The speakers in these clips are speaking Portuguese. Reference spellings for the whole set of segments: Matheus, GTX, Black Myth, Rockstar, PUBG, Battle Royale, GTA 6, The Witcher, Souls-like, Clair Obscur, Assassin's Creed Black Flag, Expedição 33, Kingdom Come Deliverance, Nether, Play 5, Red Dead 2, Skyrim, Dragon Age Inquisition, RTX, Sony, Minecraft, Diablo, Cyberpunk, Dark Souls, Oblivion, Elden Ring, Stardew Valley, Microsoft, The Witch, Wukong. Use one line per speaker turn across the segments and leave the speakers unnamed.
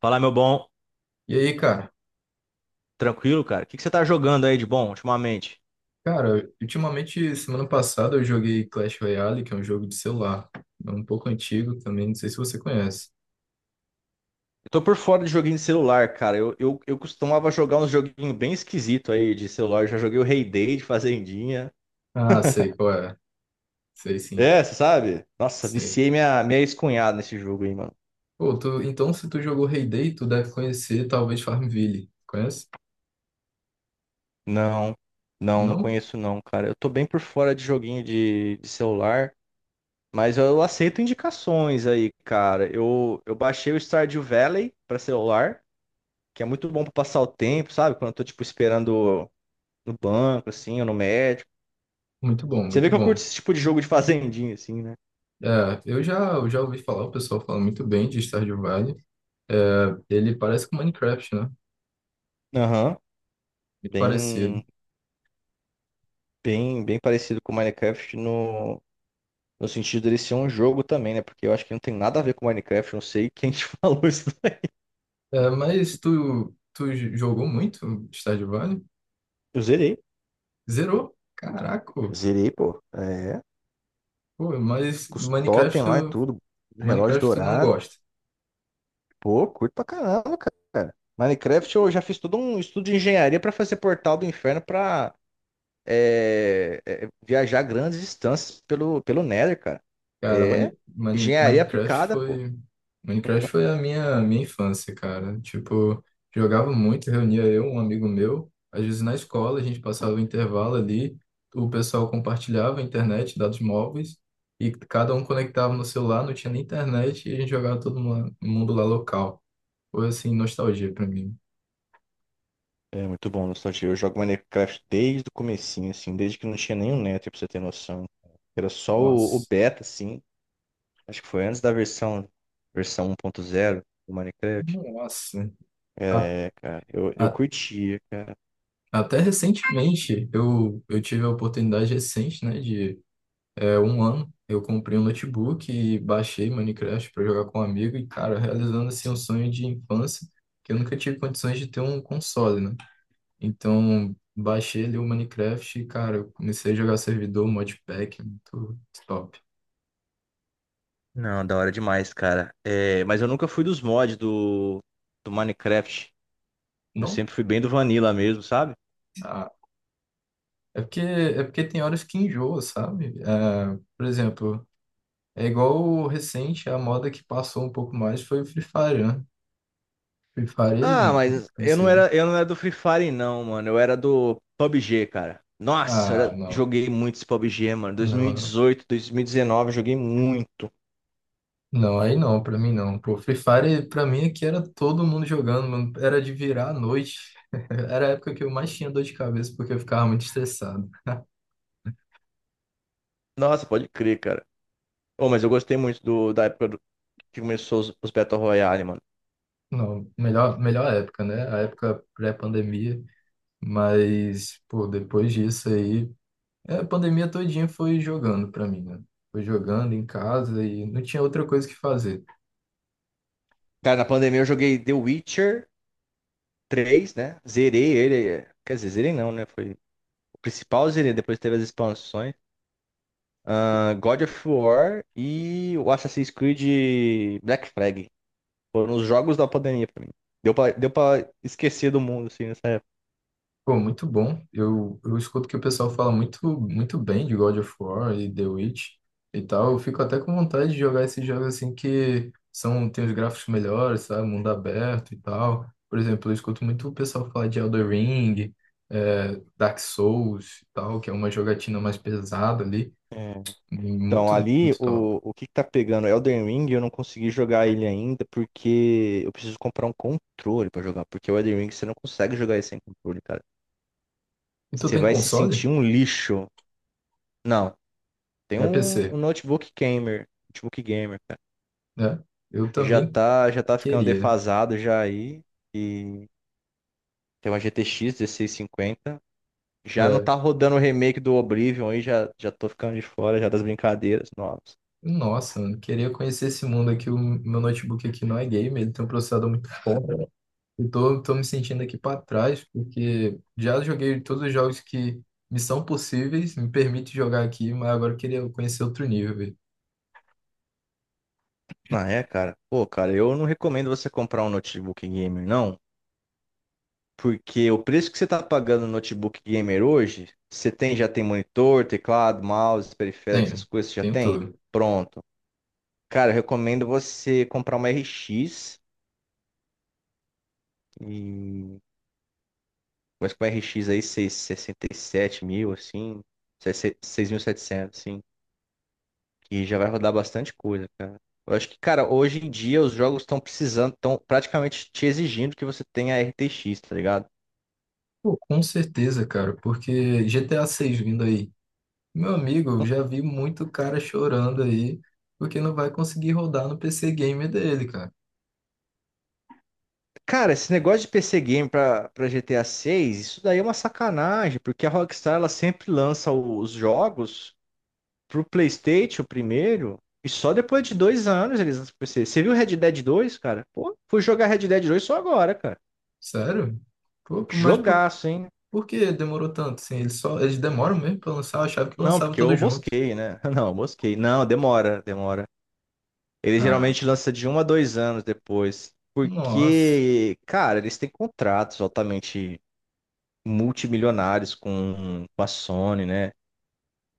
Fala, meu bom.
E aí, cara?
Tranquilo, cara? O que que você tá jogando aí de bom ultimamente?
Cara, ultimamente, semana passada eu joguei Clash Royale, que é um jogo de celular. É um pouco antigo também, não sei se você conhece.
Eu tô por fora de joguinho de celular, cara. Eu costumava jogar uns joguinhos bem esquisitos aí de celular. Eu já joguei o Rei Day de Fazendinha.
Ah, sei qual é. Sei sim,
É, você sabe? Nossa,
sei.
viciei minha ex-cunhada nesse jogo aí, mano.
Pô, então se tu jogou Hay tu deve conhecer talvez Farmville. Conhece?
Não, não, não
Não?
conheço não, cara. Eu tô bem por fora de joguinho de celular, mas eu aceito indicações aí, cara. Eu baixei o Stardew Valley pra celular, que é muito bom pra passar o tempo, sabe? Quando eu tô, tipo, esperando no banco, assim, ou no médico.
Muito bom,
Você vê
muito
que eu curto
bom.
esse tipo de jogo de fazendinha, assim, né?
É, eu já ouvi falar, o pessoal fala muito bem de Stardew Valley. É, ele parece com Minecraft, né?
Aham.
Muito parecido.
Bem, bem, bem parecido com Minecraft no sentido dele ser um jogo também, né? Porque eu acho que não tem nada a ver com Minecraft, não sei quem te falou isso daí.
É, mas tu jogou muito Stardew Valley?
Eu zerei.
Zerou? Caraca!
Zerei, pô. É.
Pô, mas
Com os totem
Minecraft,
lá e tudo. Relógio
Minecraft tu não
dourado.
gosta.
Pô, curto pra caramba, cara. Minecraft eu já fiz todo um estudo de engenharia pra fazer portal do inferno pra viajar grandes distâncias pelo Nether, cara.
Cara,
É engenharia
Minecraft
aplicada, pô.
foi, Minecraft foi a minha infância, cara. Tipo, jogava muito, reunia eu, um amigo meu, às vezes na escola, a gente passava o intervalo ali, o pessoal compartilhava a internet, dados móveis, e cada um conectava no celular, não tinha nem internet, e a gente jogava todo mundo lá local. Foi assim, nostalgia pra mim.
É muito bom, nostalgia. Eu jogo Minecraft desde o comecinho, assim, desde que não tinha nenhum Nether, pra você ter noção. Era só o
Nossa,
beta, assim. Acho que foi antes da versão 1.0 do Minecraft.
nossa.
É, cara, eu
A-
curtia, cara.
Até recentemente, eu tive a oportunidade recente, né, de um ano, eu comprei um notebook e baixei Minecraft para jogar com um amigo e, cara, realizando assim um sonho de infância, que eu nunca tive condições de ter um console, né? Então, baixei ali o Minecraft e, cara, eu comecei a jogar servidor, modpack, muito top.
Não, da hora demais, cara. É, mas eu nunca fui dos mods do Minecraft. Eu
Não,
sempre fui bem do Vanilla mesmo, sabe?
ah, é porque tem horas que enjoa, sabe? É, por exemplo, é igual o recente, a moda que passou um pouco mais foi o Free Fire, né? Free Fire é
Ah,
muito
mas
conhecido.
eu não era do Free Fire, não, mano. Eu era do PUBG, cara. Nossa,
Ah, não.
joguei muito esse PUBG, mano.
Não, não.
2018, 2019, joguei muito.
Não, aí não, pra mim não. Pô, Free Fire, pra mim, aqui era todo mundo jogando, mano. Era de virar à noite. Era a época que eu mais tinha dor de cabeça, porque eu ficava muito estressado.
Nossa, pode crer, cara. Oh, mas eu gostei muito da época que começou os Battle Royale, mano.
Não, melhor, melhor época, né? A época pré-pandemia. Mas, pô, depois disso aí. A pandemia todinha foi jogando pra mim, né? Foi jogando em casa e não tinha outra coisa que fazer.
Cara, na pandemia eu joguei The Witcher 3, né? Zerei ele. É. Quer dizer, zerei não, né? Foi o principal, zerei. Depois teve as expansões. Ah, God of War e o Assassin's Creed Black Flag. Foram os jogos da pandemia pra mim. Deu pra esquecer do mundo, assim, nessa época.
Pô, muito bom. Eu escuto que o pessoal fala muito, muito bem de God of War e The Witch e tal. Eu fico até com vontade de jogar esses jogos assim que são, tem os gráficos melhores, sabe? Mundo aberto e tal. Por exemplo, eu escuto muito o pessoal falar de Elden Ring, é Dark Souls e tal, que é uma jogatina mais pesada ali.
É. Então,
Muito,
ali,
muito top.
o que que tá pegando? Elden Ring, eu não consegui jogar ele ainda porque eu preciso comprar um controle pra jogar. Porque o Elden Ring, você não consegue jogar ele sem controle, cara.
E tu
Você
tem
vai se sentir
console?
um lixo. Não, tem
É
um
PC,
notebook gamer. Notebook gamer, cara.
né? Eu
Já
também
tá, já tá ficando
queria.
defasado já aí. E tem uma GTX 50. Já não
É,
tá rodando o remake do Oblivion aí, já tô ficando de fora já das brincadeiras novas.
Nossa, mano, queria conhecer esse mundo aqui. O meu notebook aqui não é gamer, ele tem um processador muito forte. Eu tô me sentindo aqui para trás, porque já joguei todos os jogos que me são possíveis, me permite jogar aqui, mas agora eu queria conhecer outro nível, velho.
Ah, é, cara? Pô, cara, eu não recomendo você comprar um notebook gamer, não. Porque o preço que você tá pagando no notebook gamer hoje, você tem, já tem monitor, teclado, mouse, periférico, essas
Tenho,
coisas, você já
tenho
tem?
tudo.
Pronto. Cara, eu recomendo você comprar uma RX e... Mas com a RX aí, seis sessenta e sete mil, assim, 6.700 assim. E já vai rodar bastante coisa, cara. Eu acho que, cara, hoje em dia os jogos estão precisando, estão praticamente te exigindo que você tenha RTX, tá ligado?
Pô, com certeza, cara, porque GTA 6 vindo aí. Meu amigo, eu já vi muito cara chorando aí, porque não vai conseguir rodar no PC gamer dele, cara.
Cara, esse negócio de PC Game pra GTA 6, isso daí é uma sacanagem, porque a Rockstar ela sempre lança os jogos pro PlayStation primeiro, e só depois de 2 anos eles lançam pro PC. Você viu Red Dead 2, cara? Pô, fui jogar Red Dead 2 só agora, cara.
Sério? Pô, mas por
Jogaço, hein?
Por que demorou tanto? Assim, eles demoram mesmo pra lançar, eu achava que
Não,
lançava
porque
tudo
eu
junto.
mosquei, né? Não, eu mosquei. Não, demora, demora. Ele
Ah,
geralmente lança de 1 a 2 anos depois.
nossa.
Porque, cara, eles têm contratos altamente multimilionários com a Sony, né?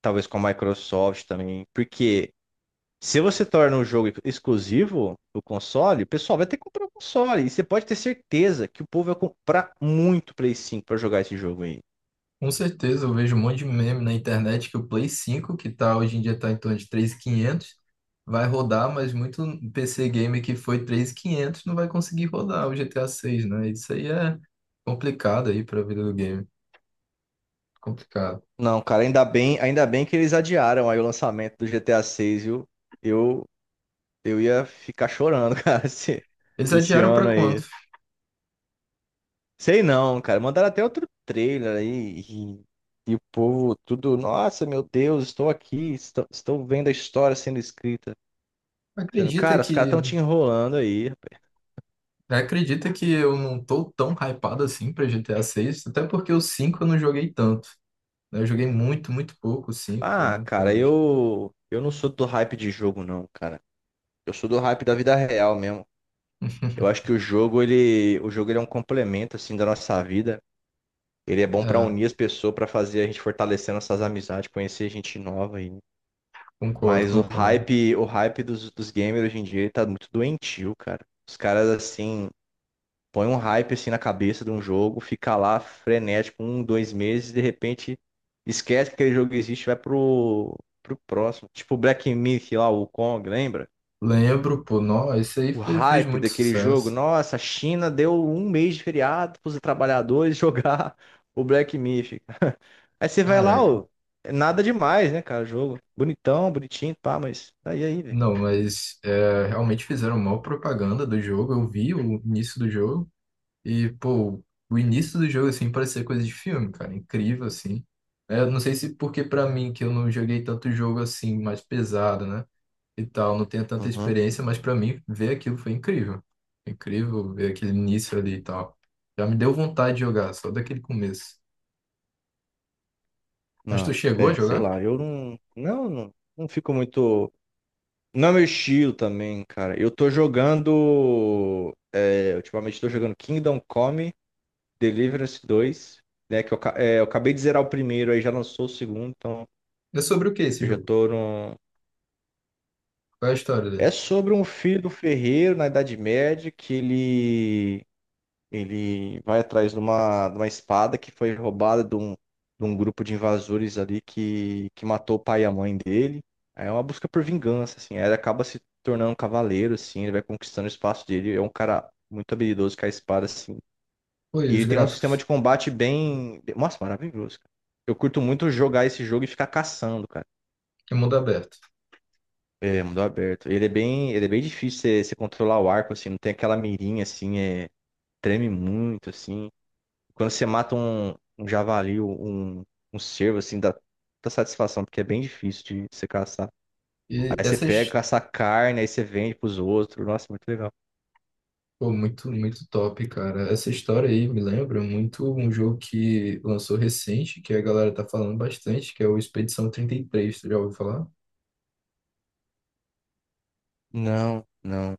Talvez com a Microsoft também. Porque se você torna um jogo exclusivo do console, o pessoal vai ter que comprar o console. E você pode ter certeza que o povo vai comprar muito Play 5 pra jogar esse jogo aí.
Com certeza, eu vejo um monte de meme na internet que o Play 5, hoje em dia tá em torno de 3.500, vai rodar, mas muito PC game que foi 3.500 não vai conseguir rodar o GTA 6, né? Isso aí é complicado aí pra vida do game, complicado.
Não, cara, ainda bem que eles adiaram aí o lançamento do GTA 6, viu? Eu, eu ia ficar chorando, cara,
Eles
esse
adiaram pra
ano aí.
quando?
Sei não, cara. Mandaram até outro trailer aí. E o povo, tudo. Nossa, meu Deus, estou aqui. Estou vendo a história sendo escrita. Sendo,
Acredita
cara, os caras
que
estão te enrolando aí, rapaz.
acredita que eu não tô tão hypado assim pra GTA 6, até porque o 5 eu não joguei tanto. Eu joguei muito, muito pouco o 5,
Ah,
né, até
cara,
hoje.
eu. Eu não sou do hype de jogo, não, cara. Eu sou do hype da vida real mesmo. Eu acho que o jogo, ele. O jogo, ele é um complemento, assim, da nossa vida. Ele é bom pra
É,
unir as pessoas, pra fazer a gente fortalecer nossas amizades, conhecer gente nova.
concordo,
Mas o
concordo.
hype, o hype dos gamers hoje em dia ele tá muito doentio, cara. Os caras assim, põem um hype assim na cabeça de um jogo, fica lá frenético 1, 2 meses, de repente esquece que aquele jogo existe, e vai pro próximo. Tipo o Black Myth lá, o Kong, lembra?
Lembro, pô, nossa, esse aí
O
fez
hype
muito
daquele jogo,
sucesso.
nossa, a China deu um mês de feriado pros trabalhadores jogar o Black Myth. Aí você vai lá,
Caraca,
ó, nada demais, né, cara, o jogo. Bonitão, bonitinho, pá, mas tá aí aí, velho.
não, mas é, realmente fizeram mal propaganda do jogo. Eu vi o início do jogo. E, pô, o início do jogo, assim, parecia coisa de filme, cara. Incrível, assim. É, eu não sei se porque pra mim, que eu não joguei tanto jogo assim, mais pesado, né? E tal, não tenho tanta
Uhum.
experiência, mas pra mim, ver aquilo foi incrível. Incrível ver aquele início ali e tal. Já me deu vontade de jogar, só daquele começo. Mas
Não,
tu chegou a
é, sei
jogar?
lá, eu não fico muito. Não é meu estilo também, cara. Eu tô jogando. É, ultimamente tô jogando Kingdom Come Deliverance 2, né? Que eu, é, eu acabei de zerar o primeiro, aí já lançou o segundo, então
É sobre o que esse
eu já
jogo?
tô no.
Qual é a história
É
dele?
sobre um filho do ferreiro na Idade Média que ele. Ele vai atrás de uma espada que foi roubada de um grupo de invasores ali que matou o pai e a mãe dele. Aí é uma busca por vingança, assim. Aí ele acaba se tornando um cavaleiro, assim. Ele vai conquistando o espaço dele. É um cara muito habilidoso com a espada, assim.
Foi
E
os
ele tem um
gráficos.
sistema de combate bem... Nossa, maravilhoso, cara. Eu curto muito jogar esse jogo e ficar caçando, cara.
É mundo aberto.
É, mundo aberto. Ele é bem difícil você controlar o arco, assim. Não tem aquela mirinha, assim. É, treme muito, assim. Quando você mata um javali, um cervo, assim, dá muita satisfação, porque é bem difícil de você caçar.
E
Aí você pega,
essas
caça a carne, aí você vende pros outros. Nossa, muito legal.
Pô, muito, muito top, cara. Essa história aí me lembra muito um jogo que lançou recente, que a galera tá falando bastante, que é o Expedição 33, tu já ouviu falar?
Não, não.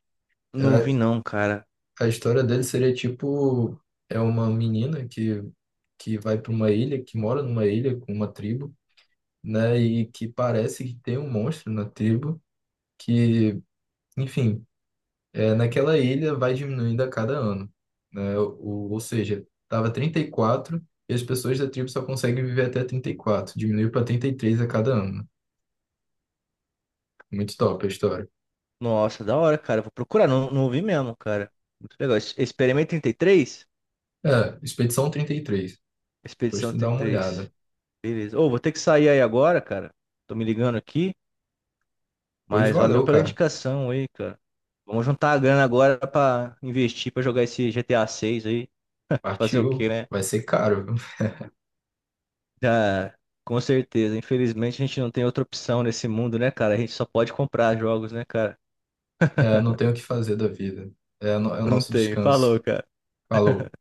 Não ouvi
A,
não, cara.
a história dele seria tipo, é uma menina que, vai para uma ilha, que mora numa ilha com uma tribo, né? E que parece que tem um monstro na tribo, que, enfim, naquela ilha vai diminuindo a cada ano, né? Ou seja, estava 34 e as pessoas da tribo só conseguem viver até 34. Diminuiu para 33 a cada ano. Muito top a história.
Nossa, da hora, cara. Vou procurar. Não, não ouvi mesmo, cara. Muito legal. Experimento 33?
É, Expedição 33. Depois
Expedição
tu dá uma
33.
olhada.
Beleza. Ô, vou ter que sair aí agora, cara. Tô me ligando aqui.
Pois
Mas valeu
valeu,
pela
cara.
indicação aí, cara. Vamos juntar a grana agora pra investir, pra jogar esse GTA 6 aí. Fazer o quê,
Partiu.
né?
Vai ser caro, viu?
Ah, com certeza. Infelizmente a gente não tem outra opção nesse mundo, né, cara? A gente só pode comprar jogos, né, cara?
É, não tem o que fazer da vida. É, é o
Não
nosso
tem.
descanso.
Falou, cara.
Falou.